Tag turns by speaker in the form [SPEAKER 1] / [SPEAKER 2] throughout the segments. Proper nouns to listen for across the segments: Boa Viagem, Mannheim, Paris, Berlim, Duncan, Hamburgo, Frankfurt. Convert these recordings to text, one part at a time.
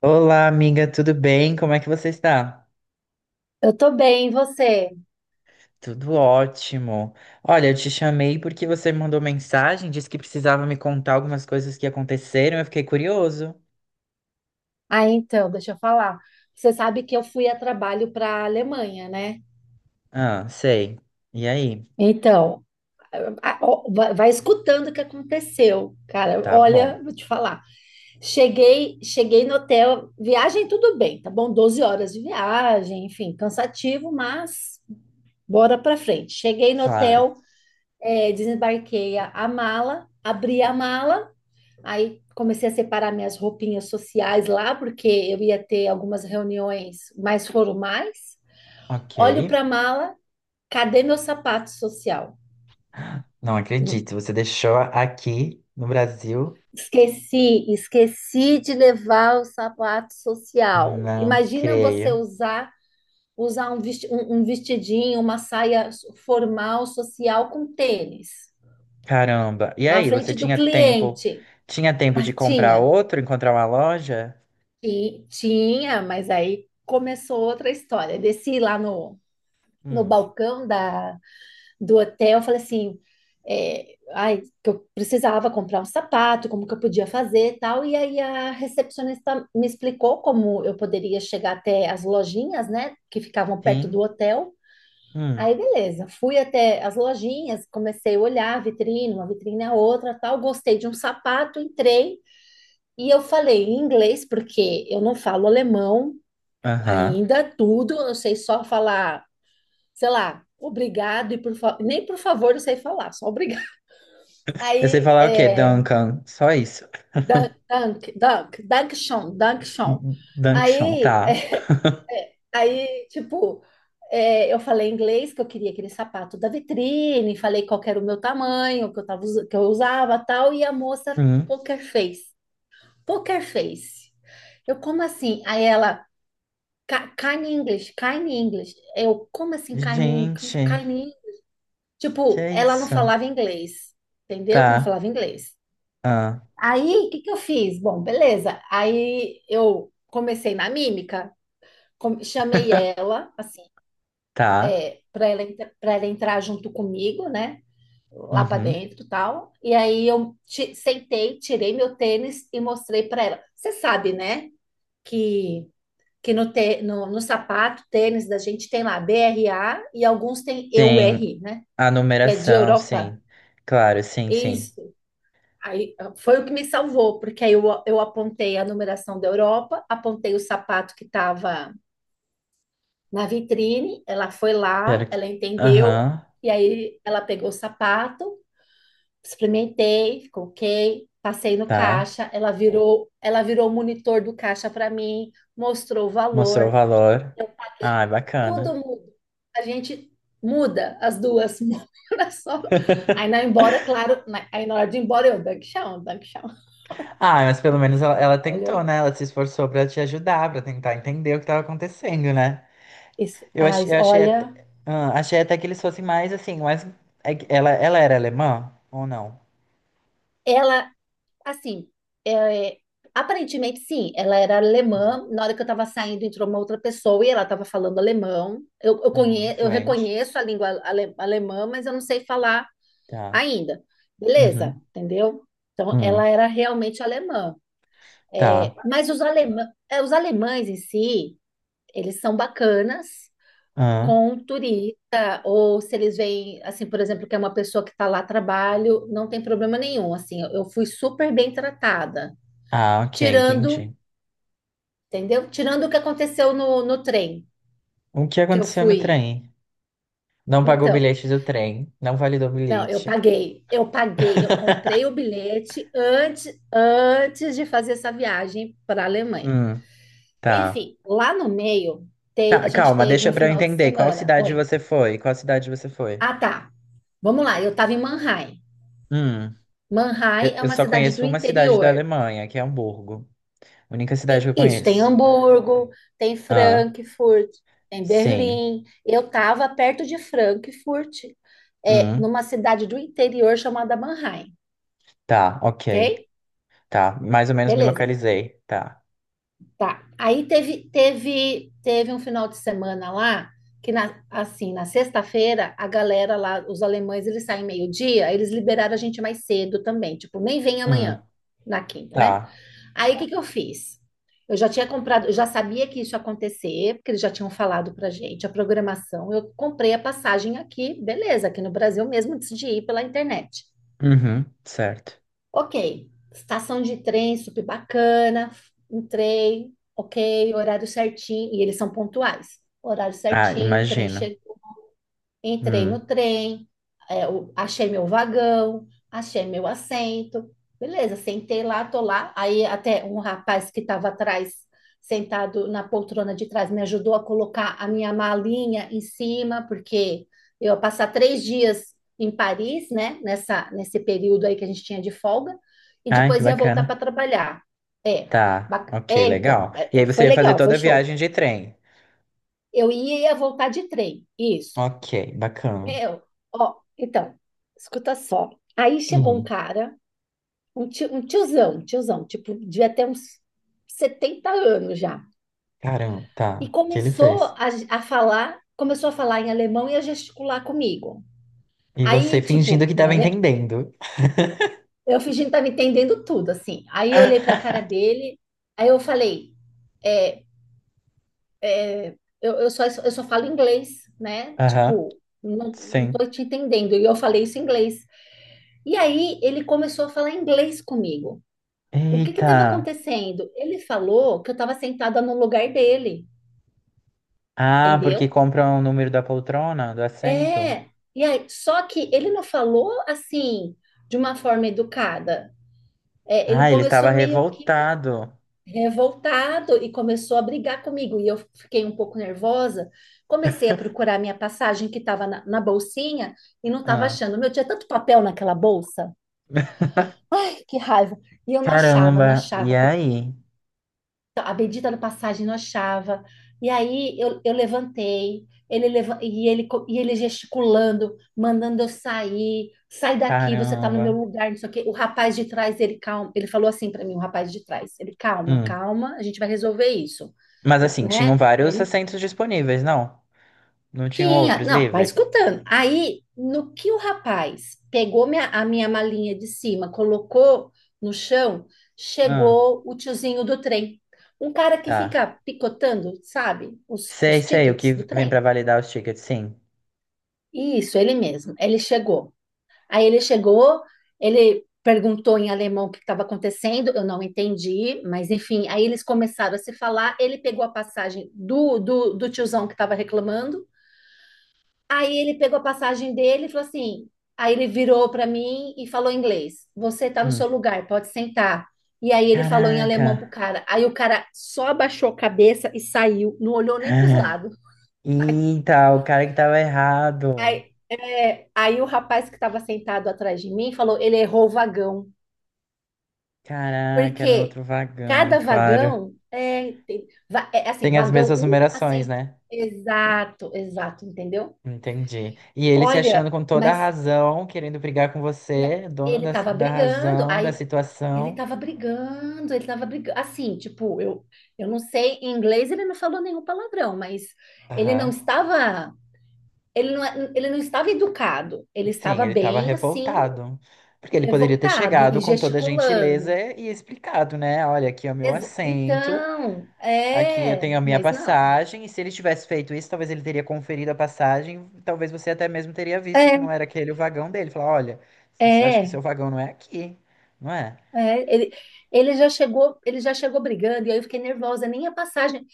[SPEAKER 1] Olá, amiga, tudo bem? Como é que você está?
[SPEAKER 2] Eu tô bem, e você?
[SPEAKER 1] Tudo ótimo. Olha, eu te chamei porque você me mandou mensagem, disse que precisava me contar algumas coisas que aconteceram, eu fiquei curioso.
[SPEAKER 2] Ah, então, deixa eu falar. Você sabe que eu fui a trabalho para a Alemanha, né?
[SPEAKER 1] Ah, sei. E aí?
[SPEAKER 2] Então, ó, vai escutando o que aconteceu, cara.
[SPEAKER 1] Tá
[SPEAKER 2] Olha,
[SPEAKER 1] bom,
[SPEAKER 2] vou te falar. Cheguei no hotel, viagem tudo bem, tá bom? 12 horas de viagem, enfim, cansativo, mas bora pra frente. Cheguei no
[SPEAKER 1] claro.
[SPEAKER 2] hotel, desembarquei a mala, abri a mala. Aí comecei a separar minhas roupinhas sociais lá, porque eu ia ter algumas reuniões mais formais.
[SPEAKER 1] Ok.
[SPEAKER 2] Olho para a mala, cadê meu sapato social?
[SPEAKER 1] Não
[SPEAKER 2] Hum,
[SPEAKER 1] acredito, você deixou aqui no Brasil?
[SPEAKER 2] esqueci de levar o sapato social.
[SPEAKER 1] Não
[SPEAKER 2] Imagina você
[SPEAKER 1] creio.
[SPEAKER 2] usar um vestidinho, uma saia formal social com tênis
[SPEAKER 1] Caramba. E
[SPEAKER 2] na
[SPEAKER 1] aí, você
[SPEAKER 2] frente do
[SPEAKER 1] tinha tempo?
[SPEAKER 2] cliente.
[SPEAKER 1] Tinha tempo
[SPEAKER 2] Ah,
[SPEAKER 1] de comprar
[SPEAKER 2] tinha.
[SPEAKER 1] outro, encontrar uma loja?
[SPEAKER 2] E tinha, mas aí começou outra história. Desci lá no
[SPEAKER 1] Hum,
[SPEAKER 2] balcão do hotel. Eu falei assim, ai, que eu precisava comprar um sapato, como que eu podia fazer e tal. E aí a recepcionista me explicou como eu poderia chegar até as lojinhas, né, que ficavam perto do
[SPEAKER 1] sim.
[SPEAKER 2] hotel. Aí
[SPEAKER 1] Hum,
[SPEAKER 2] beleza, fui até as lojinhas, comecei a olhar a vitrine, uma vitrine a outra, tal, gostei de um sapato, entrei e eu falei em inglês porque eu não falo alemão
[SPEAKER 1] aham.
[SPEAKER 2] ainda tudo. Eu sei só falar sei lá, obrigado e nem por favor eu sei falar, só obrigado.
[SPEAKER 1] Eu sei
[SPEAKER 2] Aí,
[SPEAKER 1] falar o quê? Duncan. Só isso.
[SPEAKER 2] dank, dank, dank, dankshon, dankshon.
[SPEAKER 1] Dunction,
[SPEAKER 2] Aí,
[SPEAKER 1] tá.
[SPEAKER 2] é, aí, tipo, eu falei em inglês que eu queria aquele sapato da vitrine, falei qual que era o meu tamanho, que eu tava, que eu usava, tal, e a moça
[SPEAKER 1] Hum.
[SPEAKER 2] poker face, poker face. Eu, como assim? Aí ela, kind English, kind English." Eu, como assim, kind,
[SPEAKER 1] Gente,
[SPEAKER 2] kind
[SPEAKER 1] que
[SPEAKER 2] Tipo,
[SPEAKER 1] é
[SPEAKER 2] ela não
[SPEAKER 1] isso?
[SPEAKER 2] falava inglês, entendeu? Não
[SPEAKER 1] Tá.
[SPEAKER 2] falava inglês.
[SPEAKER 1] Ah.
[SPEAKER 2] Aí, o que que eu fiz? Bom, beleza. Aí eu comecei na mímica, chamei ela, assim,
[SPEAKER 1] Tá.
[SPEAKER 2] para ela, pra ela entrar junto comigo, né? Lá para
[SPEAKER 1] Uhum.
[SPEAKER 2] dentro, e tal. E aí eu sentei, tirei meu tênis e mostrei para ela. Você sabe, né? Que que no sapato, tênis da gente tem lá BRA e alguns tem E U
[SPEAKER 1] Tem
[SPEAKER 2] R, né?
[SPEAKER 1] a
[SPEAKER 2] Que é de
[SPEAKER 1] numeração,
[SPEAKER 2] Europa.
[SPEAKER 1] sim. Claro, sim, sim.
[SPEAKER 2] Isso. Aí foi o que me salvou, porque aí eu apontei a numeração da Europa, apontei o sapato que estava na vitrine, ela foi
[SPEAKER 1] Quero
[SPEAKER 2] lá,
[SPEAKER 1] que.
[SPEAKER 2] ela entendeu,
[SPEAKER 1] Aham,
[SPEAKER 2] e aí ela pegou o sapato, experimentei, ficou ok, passei no
[SPEAKER 1] tá.
[SPEAKER 2] caixa, ela virou o monitor do caixa para mim, mostrou o
[SPEAKER 1] Mostrou o
[SPEAKER 2] valor,
[SPEAKER 1] valor. Ah,
[SPEAKER 2] tudo
[SPEAKER 1] bacana.
[SPEAKER 2] muda. A gente muda as duas na só. Aí claro, aí na hora de ir embora eu, Dankchão, Dankchão.
[SPEAKER 1] Ah, mas pelo menos ela, ela tentou,
[SPEAKER 2] Olha,
[SPEAKER 1] né? Ela se esforçou pra te ajudar, pra tentar entender o que tava acontecendo, né?
[SPEAKER 2] isso, ai,
[SPEAKER 1] Eu achei até,
[SPEAKER 2] olha,
[SPEAKER 1] ah, achei até que eles fossem mais assim, mas é ela, ela era alemã ou não?
[SPEAKER 2] ela, assim, é, aparentemente sim, ela era
[SPEAKER 1] Hum.
[SPEAKER 2] alemã. Na hora que eu estava saindo, entrou uma outra pessoa e ela estava falando alemão. Eu, eu,
[SPEAKER 1] Uhum,
[SPEAKER 2] conhe, eu
[SPEAKER 1] fluente.
[SPEAKER 2] reconheço a língua alemã, mas eu não sei falar
[SPEAKER 1] Tá.
[SPEAKER 2] ainda. Beleza,
[SPEAKER 1] Uhum.
[SPEAKER 2] entendeu? Então,
[SPEAKER 1] Hum,
[SPEAKER 2] ela era realmente alemã. É,
[SPEAKER 1] tá.
[SPEAKER 2] mas os alemães em si, eles são bacanas
[SPEAKER 1] Ah,
[SPEAKER 2] com um turista, ou se eles veem, assim, por exemplo, que é uma pessoa que está lá a trabalho, não tem problema nenhum. Assim, eu fui super bem tratada,
[SPEAKER 1] ah, ok,
[SPEAKER 2] tirando,
[SPEAKER 1] entendi.
[SPEAKER 2] entendeu? Tirando o que aconteceu no trem
[SPEAKER 1] O que
[SPEAKER 2] que eu
[SPEAKER 1] aconteceu no
[SPEAKER 2] fui.
[SPEAKER 1] trem? Não pagou o
[SPEAKER 2] Então,
[SPEAKER 1] bilhete do trem, não validou o
[SPEAKER 2] não, eu
[SPEAKER 1] bilhete.
[SPEAKER 2] paguei, eu paguei, eu comprei o bilhete antes de fazer essa viagem para a Alemanha.
[SPEAKER 1] Hum, tá.
[SPEAKER 2] Enfim, lá no meio, a
[SPEAKER 1] Tá,
[SPEAKER 2] gente
[SPEAKER 1] calma,
[SPEAKER 2] teve
[SPEAKER 1] deixa
[SPEAKER 2] um
[SPEAKER 1] pra eu
[SPEAKER 2] final de
[SPEAKER 1] entender. Qual
[SPEAKER 2] semana.
[SPEAKER 1] cidade
[SPEAKER 2] Oi.
[SPEAKER 1] você foi? Qual cidade você foi?
[SPEAKER 2] Ah, tá. Vamos lá, eu estava em Mannheim.
[SPEAKER 1] Hum,
[SPEAKER 2] Mannheim
[SPEAKER 1] eu,
[SPEAKER 2] é
[SPEAKER 1] eu
[SPEAKER 2] uma
[SPEAKER 1] só
[SPEAKER 2] cidade do
[SPEAKER 1] conheço uma cidade da
[SPEAKER 2] interior.
[SPEAKER 1] Alemanha, que é Hamburgo. Única cidade que
[SPEAKER 2] E
[SPEAKER 1] eu
[SPEAKER 2] isso, tem
[SPEAKER 1] conheço.
[SPEAKER 2] Hamburgo, tem Frankfurt, tem
[SPEAKER 1] Sim.
[SPEAKER 2] Berlim. Eu estava perto de Frankfurt,
[SPEAKER 1] Hum,
[SPEAKER 2] numa cidade do interior chamada Mannheim,
[SPEAKER 1] tá, ok.
[SPEAKER 2] ok?
[SPEAKER 1] Tá, mais ou menos me
[SPEAKER 2] Beleza,
[SPEAKER 1] localizei. Tá.
[SPEAKER 2] tá. Aí teve um final de semana lá, que assim, na sexta-feira, a galera lá, os alemães, eles saem meio-dia, eles liberaram a gente mais cedo também, tipo, nem vem
[SPEAKER 1] Hum,
[SPEAKER 2] amanhã, na quinta, né?
[SPEAKER 1] tá.
[SPEAKER 2] Aí o que que eu fiz? Eu já tinha comprado, eu já sabia que isso ia acontecer, porque eles já tinham falado pra gente a programação. Eu comprei a passagem aqui, beleza, aqui no Brasil mesmo, antes de ir pela internet.
[SPEAKER 1] Uhum, certo.
[SPEAKER 2] Ok, estação de trem super bacana, entrei, ok, horário certinho, e eles são pontuais. Horário
[SPEAKER 1] Ah,
[SPEAKER 2] certinho, trem
[SPEAKER 1] imagino.
[SPEAKER 2] che entrei
[SPEAKER 1] Hum.
[SPEAKER 2] no trem, achei meu vagão, achei meu assento. Beleza, sentei lá, tô lá. Aí até um rapaz que estava atrás, sentado na poltrona de trás, me ajudou a colocar a minha malinha em cima, porque eu ia passar 3 dias em Paris, né? Nesse período aí que a gente tinha de folga, e
[SPEAKER 1] Ai, que
[SPEAKER 2] depois ia voltar para
[SPEAKER 1] bacana.
[SPEAKER 2] trabalhar. É,
[SPEAKER 1] Tá, ok,
[SPEAKER 2] então,
[SPEAKER 1] legal. E aí você
[SPEAKER 2] foi
[SPEAKER 1] ia fazer
[SPEAKER 2] legal,
[SPEAKER 1] toda
[SPEAKER 2] foi
[SPEAKER 1] a
[SPEAKER 2] show.
[SPEAKER 1] viagem de trem.
[SPEAKER 2] Eu ia voltar de trem, isso.
[SPEAKER 1] Ok, bacana.
[SPEAKER 2] Meu, ó, então, escuta só. Aí chegou um
[SPEAKER 1] Hum,
[SPEAKER 2] cara, um tiozão, tipo, devia ter uns 70 anos já.
[SPEAKER 1] caramba,
[SPEAKER 2] E
[SPEAKER 1] tá. O que ele
[SPEAKER 2] começou
[SPEAKER 1] fez?
[SPEAKER 2] a, a falar, começou a falar em alemão e a gesticular comigo.
[SPEAKER 1] E você
[SPEAKER 2] Aí,
[SPEAKER 1] fingindo
[SPEAKER 2] tipo,
[SPEAKER 1] que tava entendendo.
[SPEAKER 2] eu fingindo que tava entendendo tudo, assim. Aí eu olhei pra cara dele, aí eu falei, é, eu só falo inglês, né?
[SPEAKER 1] Aham,
[SPEAKER 2] Tipo, não, não
[SPEAKER 1] sim.
[SPEAKER 2] tô te entendendo. E eu falei isso em inglês. E aí ele começou a falar inglês comigo. O que
[SPEAKER 1] Eita.
[SPEAKER 2] estava acontecendo? Ele falou que eu estava sentada no lugar dele,
[SPEAKER 1] Ah, porque
[SPEAKER 2] entendeu?
[SPEAKER 1] compram o número da poltrona, do assento.
[SPEAKER 2] É. E aí, só que ele não falou assim de uma forma educada. Ele
[SPEAKER 1] Ah, ele estava
[SPEAKER 2] começou meio que
[SPEAKER 1] revoltado.
[SPEAKER 2] revoltado e começou a brigar comigo. E eu fiquei um pouco nervosa. Comecei a procurar minha passagem que estava na bolsinha e não estava
[SPEAKER 1] Ah.
[SPEAKER 2] achando. Meu, tinha tanto papel naquela bolsa. Ai, que raiva! E eu não achava, não
[SPEAKER 1] Caramba, e
[SPEAKER 2] achava.
[SPEAKER 1] aí?
[SPEAKER 2] Então, a bendita da passagem não achava. E aí eu levantei, ele leva, e, ele, co- e ele gesticulando, mandando eu sair, sai daqui, você tá no
[SPEAKER 1] Caramba.
[SPEAKER 2] meu lugar, não sei o quê. O rapaz de trás, ele calma, ele falou assim para mim, o rapaz de trás, ele calma,
[SPEAKER 1] Hum.
[SPEAKER 2] calma, a gente vai resolver isso,
[SPEAKER 1] Mas assim, tinham
[SPEAKER 2] né?
[SPEAKER 1] vários
[SPEAKER 2] Ele
[SPEAKER 1] assentos disponíveis, não? Não tinham
[SPEAKER 2] tinha,
[SPEAKER 1] outros
[SPEAKER 2] não, vai
[SPEAKER 1] livres?
[SPEAKER 2] escutando. Aí, no que o rapaz pegou a minha malinha de cima, colocou no chão,
[SPEAKER 1] Hum.
[SPEAKER 2] chegou o tiozinho do trem. Um cara que
[SPEAKER 1] Tá.
[SPEAKER 2] fica picotando, sabe, os,
[SPEAKER 1] Sei,
[SPEAKER 2] os
[SPEAKER 1] sei, o que
[SPEAKER 2] tickets do
[SPEAKER 1] vem pra
[SPEAKER 2] trem.
[SPEAKER 1] validar os tickets, sim.
[SPEAKER 2] Isso, ele mesmo. Ele chegou. Aí ele chegou, ele perguntou em alemão o que estava acontecendo, eu não entendi, mas enfim, aí eles começaram a se falar. Ele pegou a passagem do tiozão que estava reclamando. Aí ele pegou a passagem dele e falou assim. Aí ele virou para mim e falou em inglês: "Você tá no
[SPEAKER 1] Hum.
[SPEAKER 2] seu lugar, pode sentar." E aí ele falou em alemão pro
[SPEAKER 1] Caraca.
[SPEAKER 2] cara. Aí o cara só abaixou a cabeça e saiu, não olhou nem pros
[SPEAKER 1] Ah.
[SPEAKER 2] lados.
[SPEAKER 1] Eita, o cara que tava errado.
[SPEAKER 2] Aí o rapaz que estava sentado atrás de mim falou: "Ele errou o vagão."
[SPEAKER 1] Caraca, era no
[SPEAKER 2] Porque
[SPEAKER 1] outro vagão,
[SPEAKER 2] cada
[SPEAKER 1] claro.
[SPEAKER 2] vagão é assim:
[SPEAKER 1] Tem as
[SPEAKER 2] vagão
[SPEAKER 1] mesmas
[SPEAKER 2] um
[SPEAKER 1] numerações,
[SPEAKER 2] assento.
[SPEAKER 1] né?
[SPEAKER 2] Exato, exato, entendeu?
[SPEAKER 1] Entendi. E ele se achando
[SPEAKER 2] Olha,
[SPEAKER 1] com toda a
[SPEAKER 2] mas.
[SPEAKER 1] razão, querendo brigar com
[SPEAKER 2] na-
[SPEAKER 1] você, dono
[SPEAKER 2] Ele
[SPEAKER 1] da,
[SPEAKER 2] estava
[SPEAKER 1] da
[SPEAKER 2] brigando,
[SPEAKER 1] razão, da
[SPEAKER 2] aí Ele
[SPEAKER 1] situação.
[SPEAKER 2] tava brigando, ele tava brigando. Assim, tipo, eu não sei, em inglês ele não falou nenhum palavrão, mas ele não
[SPEAKER 1] Aham.
[SPEAKER 2] estava, ele não, é, ele não estava educado, ele
[SPEAKER 1] Sim,
[SPEAKER 2] estava
[SPEAKER 1] ele estava
[SPEAKER 2] bem assim,
[SPEAKER 1] revoltado. Porque ele poderia ter
[SPEAKER 2] revoltado e,
[SPEAKER 1] chegado
[SPEAKER 2] e
[SPEAKER 1] com toda a gentileza
[SPEAKER 2] gesticulando.
[SPEAKER 1] e explicado, né? Olha, aqui é o meu assento,
[SPEAKER 2] Então,
[SPEAKER 1] aqui eu tenho a minha
[SPEAKER 2] mas não.
[SPEAKER 1] passagem. E se ele tivesse feito isso, talvez ele teria conferido a passagem, talvez você até mesmo teria visto que
[SPEAKER 2] É,
[SPEAKER 1] não era aquele o vagão dele. Falar, olha, acho que
[SPEAKER 2] é,
[SPEAKER 1] seu vagão não é aqui, não é?
[SPEAKER 2] é. Ele já chegou brigando, e aí eu fiquei nervosa, nem a passagem.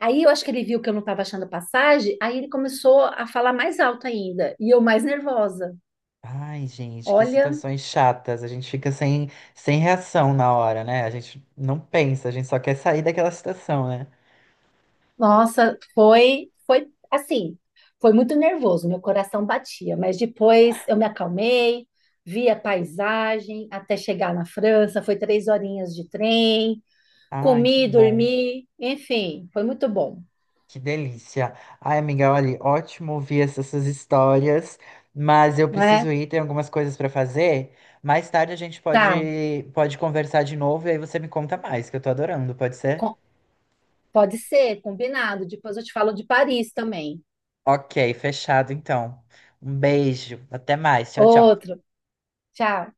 [SPEAKER 2] Aí eu acho que ele viu que eu não estava achando a passagem, aí ele começou a falar mais alto ainda, e eu mais nervosa.
[SPEAKER 1] Ai, gente, que
[SPEAKER 2] Olha,
[SPEAKER 1] situações chatas. A gente fica sem, sem reação na hora, né? A gente não pensa, a gente só quer sair daquela situação, né?
[SPEAKER 2] nossa, foi, assim, foi muito nervoso, meu coração batia, mas depois eu me acalmei, vi a paisagem até chegar na França, foi 3 horinhas de trem,
[SPEAKER 1] Ai, que
[SPEAKER 2] comi,
[SPEAKER 1] bom.
[SPEAKER 2] dormi, enfim, foi muito bom,
[SPEAKER 1] Que delícia. Ai, amiga, olha, ótimo ouvir essas suas histórias, mas eu
[SPEAKER 2] não
[SPEAKER 1] preciso
[SPEAKER 2] é?
[SPEAKER 1] ir, tem algumas coisas para fazer. Mais tarde a gente
[SPEAKER 2] Tá,
[SPEAKER 1] pode, pode conversar de novo e aí você me conta mais, que eu tô adorando, pode ser?
[SPEAKER 2] co- pode ser, combinado, depois eu te falo de Paris também.
[SPEAKER 1] Ok, fechado então. Um beijo, até mais. Tchau, tchau.
[SPEAKER 2] Outro, tchau.